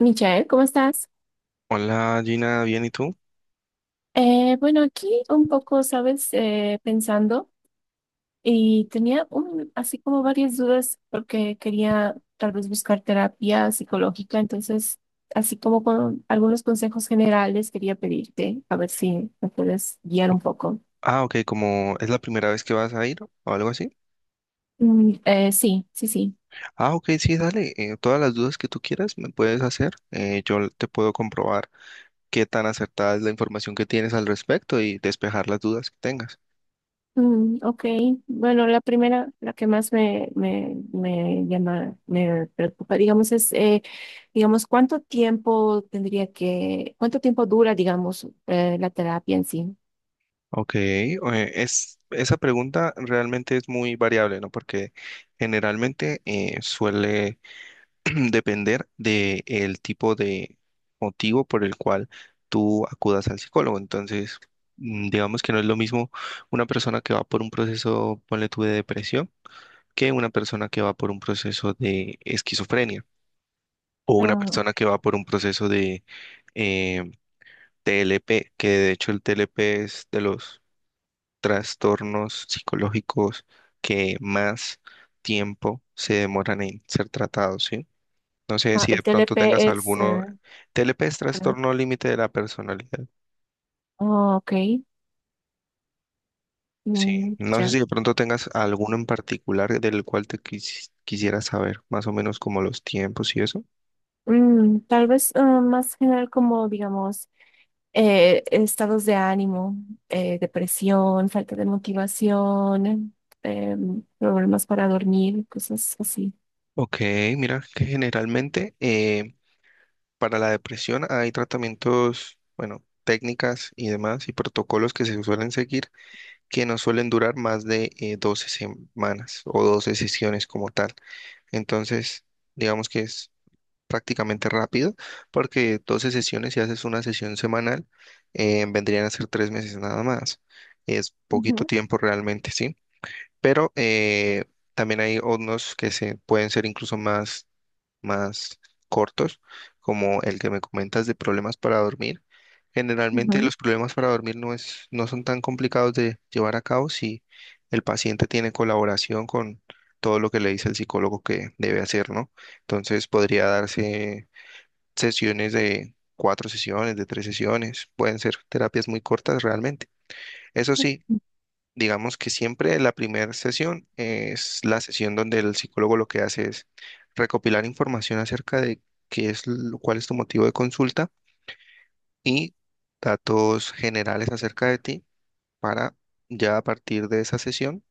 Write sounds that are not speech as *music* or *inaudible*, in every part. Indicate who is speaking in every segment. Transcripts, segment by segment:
Speaker 1: Michael, ¿cómo estás?
Speaker 2: Hola Gina, ¿bien y tú?
Speaker 1: Bueno, aquí un poco, ¿sabes? Pensando y tenía un, así como varias dudas porque quería tal vez buscar terapia psicológica, entonces así como con algunos consejos generales quería pedirte a ver si me puedes guiar un poco.
Speaker 2: Ah, ok, como es la primera vez que vas a ir o algo así.
Speaker 1: Sí, sí, sí.
Speaker 2: Ah, ok, sí, dale. Todas las dudas que tú quieras me puedes hacer. Yo te puedo comprobar qué tan acertada es la información que tienes al respecto y despejar las dudas que tengas.
Speaker 1: Ok, bueno, la primera, la que más me llama, me preocupa, digamos, es, digamos, ¿cuánto tiempo tendría que, cuánto tiempo dura, digamos, la terapia en sí?
Speaker 2: Ok, esa pregunta realmente es muy variable, ¿no? Porque generalmente suele depender del tipo de motivo por el cual tú acudas al psicólogo. Entonces, digamos que no es lo mismo una persona que va por un proceso, ponle tú, de depresión, que una persona que va por un proceso de esquizofrenia o una
Speaker 1: Ah, ok.
Speaker 2: persona que va por un proceso de eh, TLP, que de hecho el TLP es de los trastornos psicológicos que más tiempo se demoran en ser tratados, ¿sí? No sé
Speaker 1: Ah,
Speaker 2: si de
Speaker 1: el
Speaker 2: pronto tengas
Speaker 1: TLP es,
Speaker 2: alguno. TLP es
Speaker 1: ah, perdón.
Speaker 2: trastorno límite de la personalidad.
Speaker 1: Oh, ok,
Speaker 2: Sí,
Speaker 1: mm,
Speaker 2: no sé
Speaker 1: ya.
Speaker 2: si de pronto tengas alguno en particular del cual te quisieras saber, más o menos como los tiempos y eso.
Speaker 1: Mm, tal vez más general como, digamos, estados de ánimo, depresión, falta de motivación, problemas para dormir, cosas así.
Speaker 2: Ok, mira que generalmente para la depresión hay tratamientos, bueno, técnicas y demás y protocolos que se suelen seguir que no suelen durar más de 12 semanas o 12 sesiones como tal. Entonces, digamos que es prácticamente rápido, porque 12 sesiones, si haces una sesión semanal, vendrían a ser tres meses nada más. Es poquito
Speaker 1: Ujú,
Speaker 2: tiempo realmente, sí. Pero también hay unos que se pueden ser incluso más, más cortos, como el que me comentas de problemas para dormir. Generalmente
Speaker 1: ujú.
Speaker 2: los problemas para dormir no es, no son tan complicados de llevar a cabo si el paciente tiene colaboración con todo lo que le dice el psicólogo que debe hacer, ¿no? Entonces podría darse sesiones de cuatro sesiones, de tres sesiones, pueden ser terapias muy cortas realmente. Eso sí, digamos que siempre la primera sesión es la sesión donde el psicólogo lo que hace es recopilar información acerca de qué es, cuál es tu motivo de consulta y datos generales acerca de ti para ya a partir de esa sesión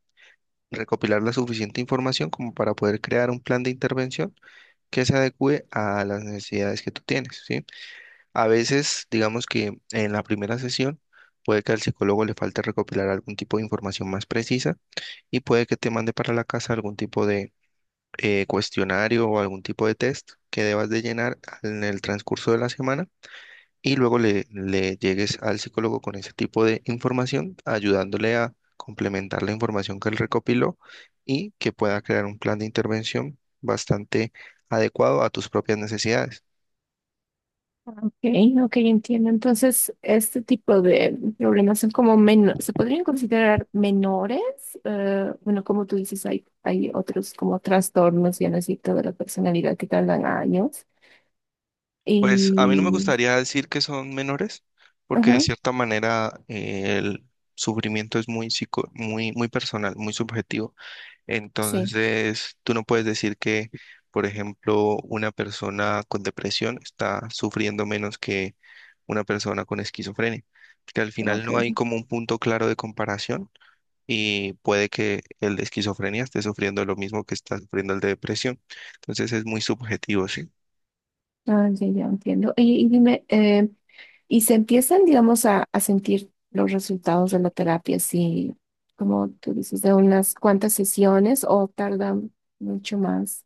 Speaker 2: recopilar la suficiente información como para poder crear un plan de intervención que se adecue a las necesidades que tú tienes, ¿sí? A veces, digamos que en la primera sesión puede que al psicólogo le falte recopilar algún tipo de información más precisa y puede que te mande para la casa algún tipo de cuestionario o algún tipo de test que debas de llenar en el transcurso de la semana y luego le llegues al psicólogo con ese tipo de información, ayudándole a complementar la información que él recopiló y que pueda crear un plan de intervención bastante adecuado a tus propias necesidades.
Speaker 1: Ok, ok, entiendo. Entonces, este tipo de problemas son como menos, se podrían considerar menores. Bueno, como tú dices, hay otros como trastornos, ya no así, toda la personalidad que tardan años.
Speaker 2: Pues a mí no me
Speaker 1: Y,
Speaker 2: gustaría decir que son menores, porque de
Speaker 1: ajá,
Speaker 2: cierta manera el sufrimiento es muy, muy personal, muy subjetivo.
Speaker 1: sí,
Speaker 2: Entonces, tú no puedes decir que, por ejemplo, una persona con depresión está sufriendo menos que una persona con esquizofrenia, porque al
Speaker 1: ah,
Speaker 2: final
Speaker 1: ok,
Speaker 2: no hay como un punto claro de comparación y puede que el de esquizofrenia esté sufriendo lo mismo que está sufriendo el de depresión. Entonces, es muy subjetivo, sí.
Speaker 1: ah, ya, ya entiendo. Y dime, ¿y se empiezan, digamos, a sentir los resultados de la terapia, sí, como tú dices, de unas cuantas sesiones o tardan mucho más?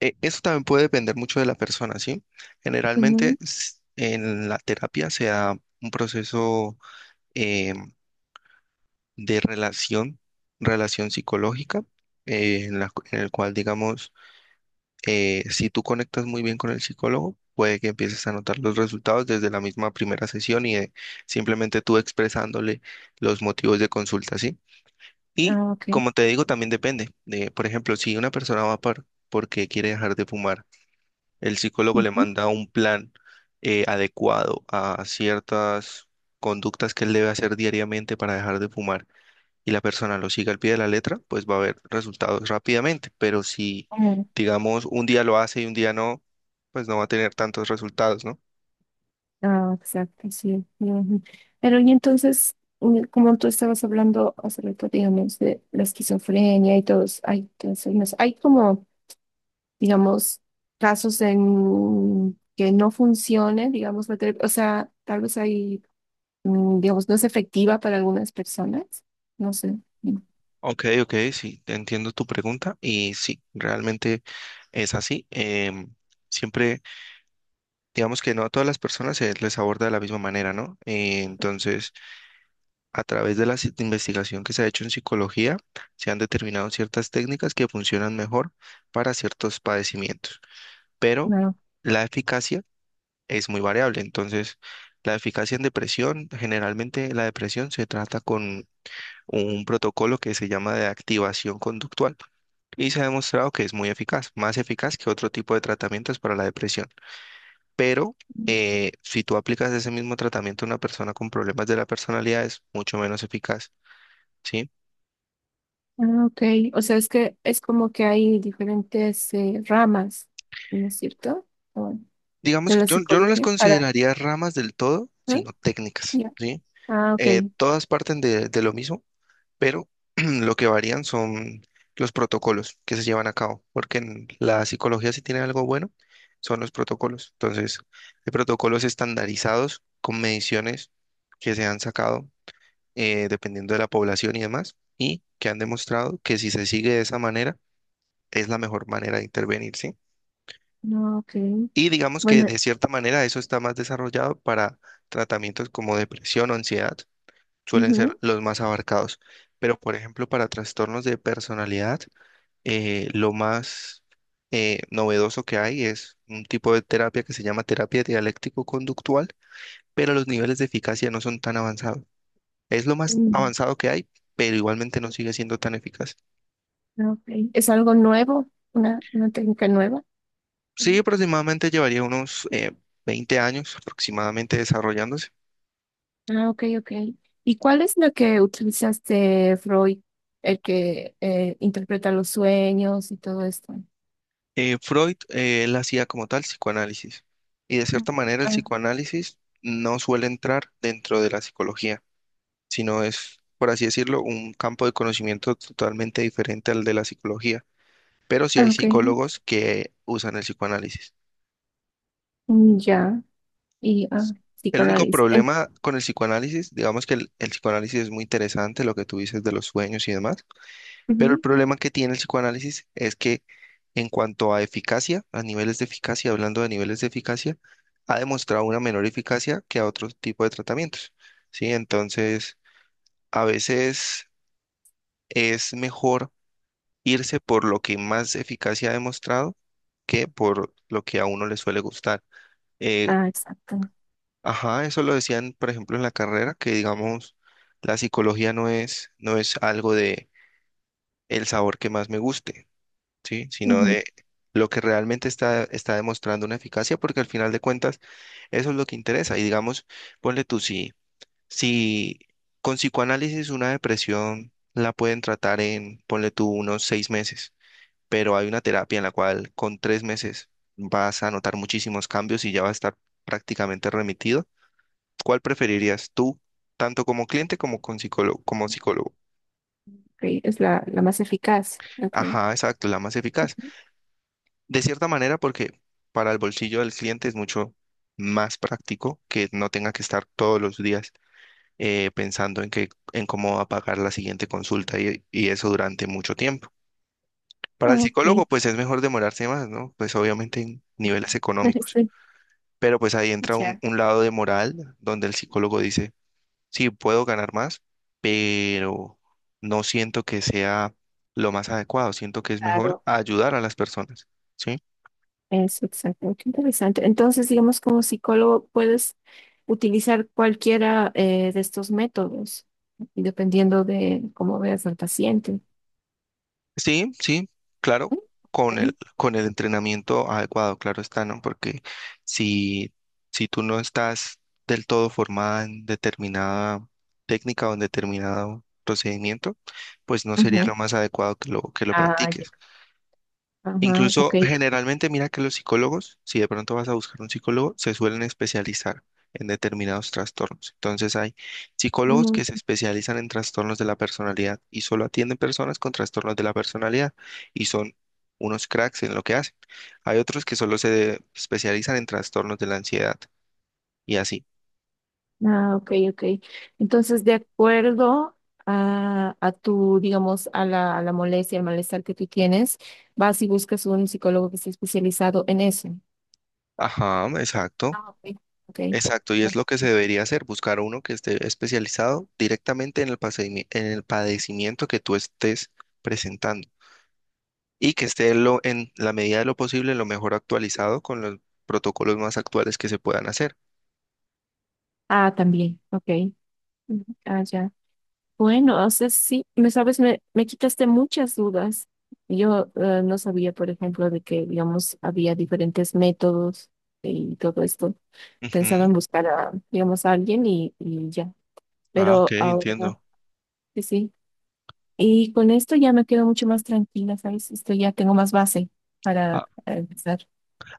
Speaker 2: Eso también puede depender mucho de la persona, ¿sí? Generalmente
Speaker 1: Ujú,
Speaker 2: en la terapia se da un proceso eh, de relación, relación psicológica, en la en el cual, digamos, si tú conectas muy bien con el psicólogo, puede que empieces a notar los resultados desde la misma primera sesión y de simplemente tú expresándole los motivos de consulta, ¿sí? Y
Speaker 1: ah, ok.
Speaker 2: como te digo, también depende de, por ejemplo, si una persona va por, porque quiere dejar de fumar. El psicólogo le
Speaker 1: Ujú,
Speaker 2: manda un plan adecuado a ciertas conductas que él debe hacer diariamente para dejar de fumar y la persona lo sigue al pie de la letra, pues va a haber resultados rápidamente. Pero si,
Speaker 1: ah,
Speaker 2: digamos, un día lo hace y un día no, pues no va a tener tantos resultados, ¿no?
Speaker 1: ah, exacto, sí. Ujú. Pero y entonces, mm, como tú estabas hablando hace rato, digamos, de la esquizofrenia y todos, hay, trastornos, hay como, digamos, casos en que no funcione, digamos, la terapia, o sea, tal vez hay, digamos, no es efectiva para algunas personas, no sé.
Speaker 2: Ok, ok, sí, entiendo tu pregunta y sí, realmente es así. Siempre, digamos que no a todas las personas se les aborda de la misma manera, ¿no? Entonces, a través de la investigación que se ha hecho en psicología, se han determinado ciertas técnicas que funcionan mejor para ciertos padecimientos, pero
Speaker 1: No.
Speaker 2: la eficacia es muy variable. Entonces, la eficacia en depresión, generalmente la depresión se trata con un protocolo que se llama de activación conductual y se ha demostrado que es muy eficaz, más eficaz que otro tipo de tratamientos para la depresión. Pero si tú aplicas ese mismo tratamiento a una persona con problemas de la personalidad, es mucho menos eficaz. ¿Sí?
Speaker 1: Ah, ok. O sea, es que es como que hay diferentes ramas, ¿no es cierto? De
Speaker 2: Digamos que
Speaker 1: la
Speaker 2: yo no las
Speaker 1: psicología para...
Speaker 2: consideraría ramas del todo,
Speaker 1: Ah,
Speaker 2: sino técnicas,
Speaker 1: ya.
Speaker 2: ¿sí?
Speaker 1: Ah, ok.
Speaker 2: Todas parten de lo mismo, pero *clears throat* lo que varían son los protocolos que se llevan a cabo, porque en la psicología si tiene algo bueno son los protocolos. Entonces, hay protocolos estandarizados con mediciones que se han sacado dependiendo de la población y demás, y que han demostrado que si se sigue de esa manera, es la mejor manera de intervenir, ¿sí?
Speaker 1: No, ok.
Speaker 2: Y digamos que
Speaker 1: Bueno,
Speaker 2: de cierta manera eso está más desarrollado para tratamientos como depresión o ansiedad, suelen ser
Speaker 1: ujú.
Speaker 2: los más abarcados. Pero, por ejemplo, para trastornos de personalidad, lo más novedoso que hay es un tipo de terapia que se llama terapia dialéctico-conductual, pero los niveles de eficacia no son tan avanzados. Es lo más avanzado que hay, pero igualmente no sigue siendo tan eficaz.
Speaker 1: Mm, ok. ¿Es algo nuevo? Una técnica nueva?
Speaker 2: Sí,
Speaker 1: Mm.
Speaker 2: aproximadamente llevaría unos 20 años aproximadamente desarrollándose.
Speaker 1: Ah, ok, ok. ¿Y cuál es la que utilizaste, Freud, el que interpreta los sueños y todo esto?
Speaker 2: Freud, él hacía como tal psicoanálisis y de
Speaker 1: Mm.
Speaker 2: cierta manera el
Speaker 1: Ah,
Speaker 2: psicoanálisis no suele entrar dentro de la psicología, sino es, por así decirlo, un campo de conocimiento totalmente diferente al de la psicología, pero sí hay
Speaker 1: ah, ok.
Speaker 2: psicólogos que usan el psicoanálisis.
Speaker 1: Mm, ya. Y
Speaker 2: El único
Speaker 1: psicoanálisis. En-
Speaker 2: problema con el psicoanálisis, digamos que el psicoanálisis es muy interesante, lo que tú dices de los sueños y demás. Pero el
Speaker 1: ujú.
Speaker 2: problema que tiene el psicoanálisis es que en cuanto a eficacia, a niveles de eficacia, hablando de niveles de eficacia, ha demostrado una menor eficacia que a otro tipo de tratamientos, ¿sí? Entonces, a veces es mejor irse por lo que más eficacia ha demostrado que por lo que a uno le suele gustar. Eh,
Speaker 1: Ah, exacto.
Speaker 2: ajá, eso lo decían, por ejemplo, en la carrera, que digamos, la psicología no es algo de el sabor que más me guste, ¿sí? Sino
Speaker 1: Ujú.
Speaker 2: de lo que realmente está demostrando una eficacia, porque al final de cuentas eso es lo que interesa. Y digamos, ponle tú, si con psicoanálisis una depresión la pueden tratar en, ponle tú, unos seis meses, pero hay una terapia en la cual con tres meses vas a notar muchísimos cambios y ya va a estar prácticamente remitido. ¿Cuál preferirías tú, tanto como cliente como con psicólogo, como psicólogo?
Speaker 1: Ok, es la, la más eficaz. Ok.
Speaker 2: Ajá, exacto, la más eficaz. De cierta manera, porque para el bolsillo del cliente es mucho más práctico que no tenga que estar todos los días pensando en que, en cómo va a pagar la siguiente consulta y eso durante mucho tiempo. Para el
Speaker 1: Ah, ok.
Speaker 2: psicólogo, pues es mejor demorarse más, ¿no? Pues obviamente en niveles económicos.
Speaker 1: Sí,
Speaker 2: Pero pues ahí entra
Speaker 1: ya,
Speaker 2: un lado de moral donde el psicólogo dice, sí, puedo ganar más, pero no siento que sea lo más adecuado, siento que es mejor
Speaker 1: claro,
Speaker 2: ayudar a las personas, ¿sí?
Speaker 1: es exactamente interesante. Entonces, digamos, como psicólogo puedes utilizar cualquiera de estos métodos, y dependiendo de cómo veas al paciente.
Speaker 2: Sí, sí, claro,
Speaker 1: ¿Sí?
Speaker 2: con el,
Speaker 1: Sí.
Speaker 2: con el entrenamiento adecuado, claro está, ¿no? Porque si, si tú no estás del todo formada en determinada técnica o en determinado procedimiento, pues no sería
Speaker 1: Ujú.
Speaker 2: lo más adecuado que que lo
Speaker 1: Ah, ya.
Speaker 2: practiques.
Speaker 1: Ajá, ok.
Speaker 2: Incluso generalmente mira que los psicólogos, si de pronto vas a buscar un psicólogo, se suelen especializar en determinados trastornos. Entonces hay psicólogos que
Speaker 1: Mm,
Speaker 2: se especializan en trastornos de la personalidad y solo atienden personas con trastornos de la personalidad y son unos cracks en lo que hacen. Hay otros que solo se especializan en trastornos de la ansiedad y así.
Speaker 1: ah, ok, ok. Entonces, de acuerdo a tu, digamos, a la molestia, al malestar que tú tienes, vas y buscas un psicólogo que esté especializado en eso.
Speaker 2: Ajá, exacto.
Speaker 1: Ah, ok. Ok.
Speaker 2: Exacto, y
Speaker 1: Ah,
Speaker 2: es lo que se debería hacer, buscar uno que esté especializado directamente en el padecimiento que tú estés presentando. Y que esté en la medida de lo posible lo mejor actualizado con los protocolos más actuales que se puedan hacer.
Speaker 1: ah, también, ok. Ujú. Ah, ya. Bueno, o sea, sí, me sabes, me quitaste muchas dudas. Yo no sabía, por ejemplo, de que, digamos, había diferentes métodos y todo esto. Pensaba
Speaker 2: Ujú.
Speaker 1: en buscar a, digamos, a alguien y ya.
Speaker 2: Ah, ok,
Speaker 1: Pero ahora,
Speaker 2: entiendo.
Speaker 1: sí, sí. Y con esto ya me quedo mucho más tranquila, ¿sabes? Esto ya tengo más base para
Speaker 2: Ah,
Speaker 1: empezar.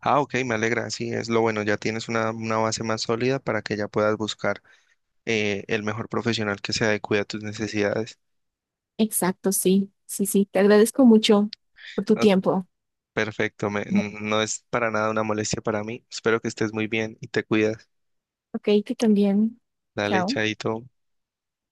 Speaker 2: ah, ok, me alegra, sí, es lo bueno, ya tienes una base más sólida para que ya puedas buscar el mejor profesional que se adecue a tus necesidades.
Speaker 1: Exacto, sí, sí, sí. Te agradezco mucho por tu
Speaker 2: Ah,
Speaker 1: tiempo.
Speaker 2: perfecto, no es para nada una molestia para mí. Espero que estés muy bien y te cuidas.
Speaker 1: Ok, tú también.
Speaker 2: Dale,
Speaker 1: Chao.
Speaker 2: chaito.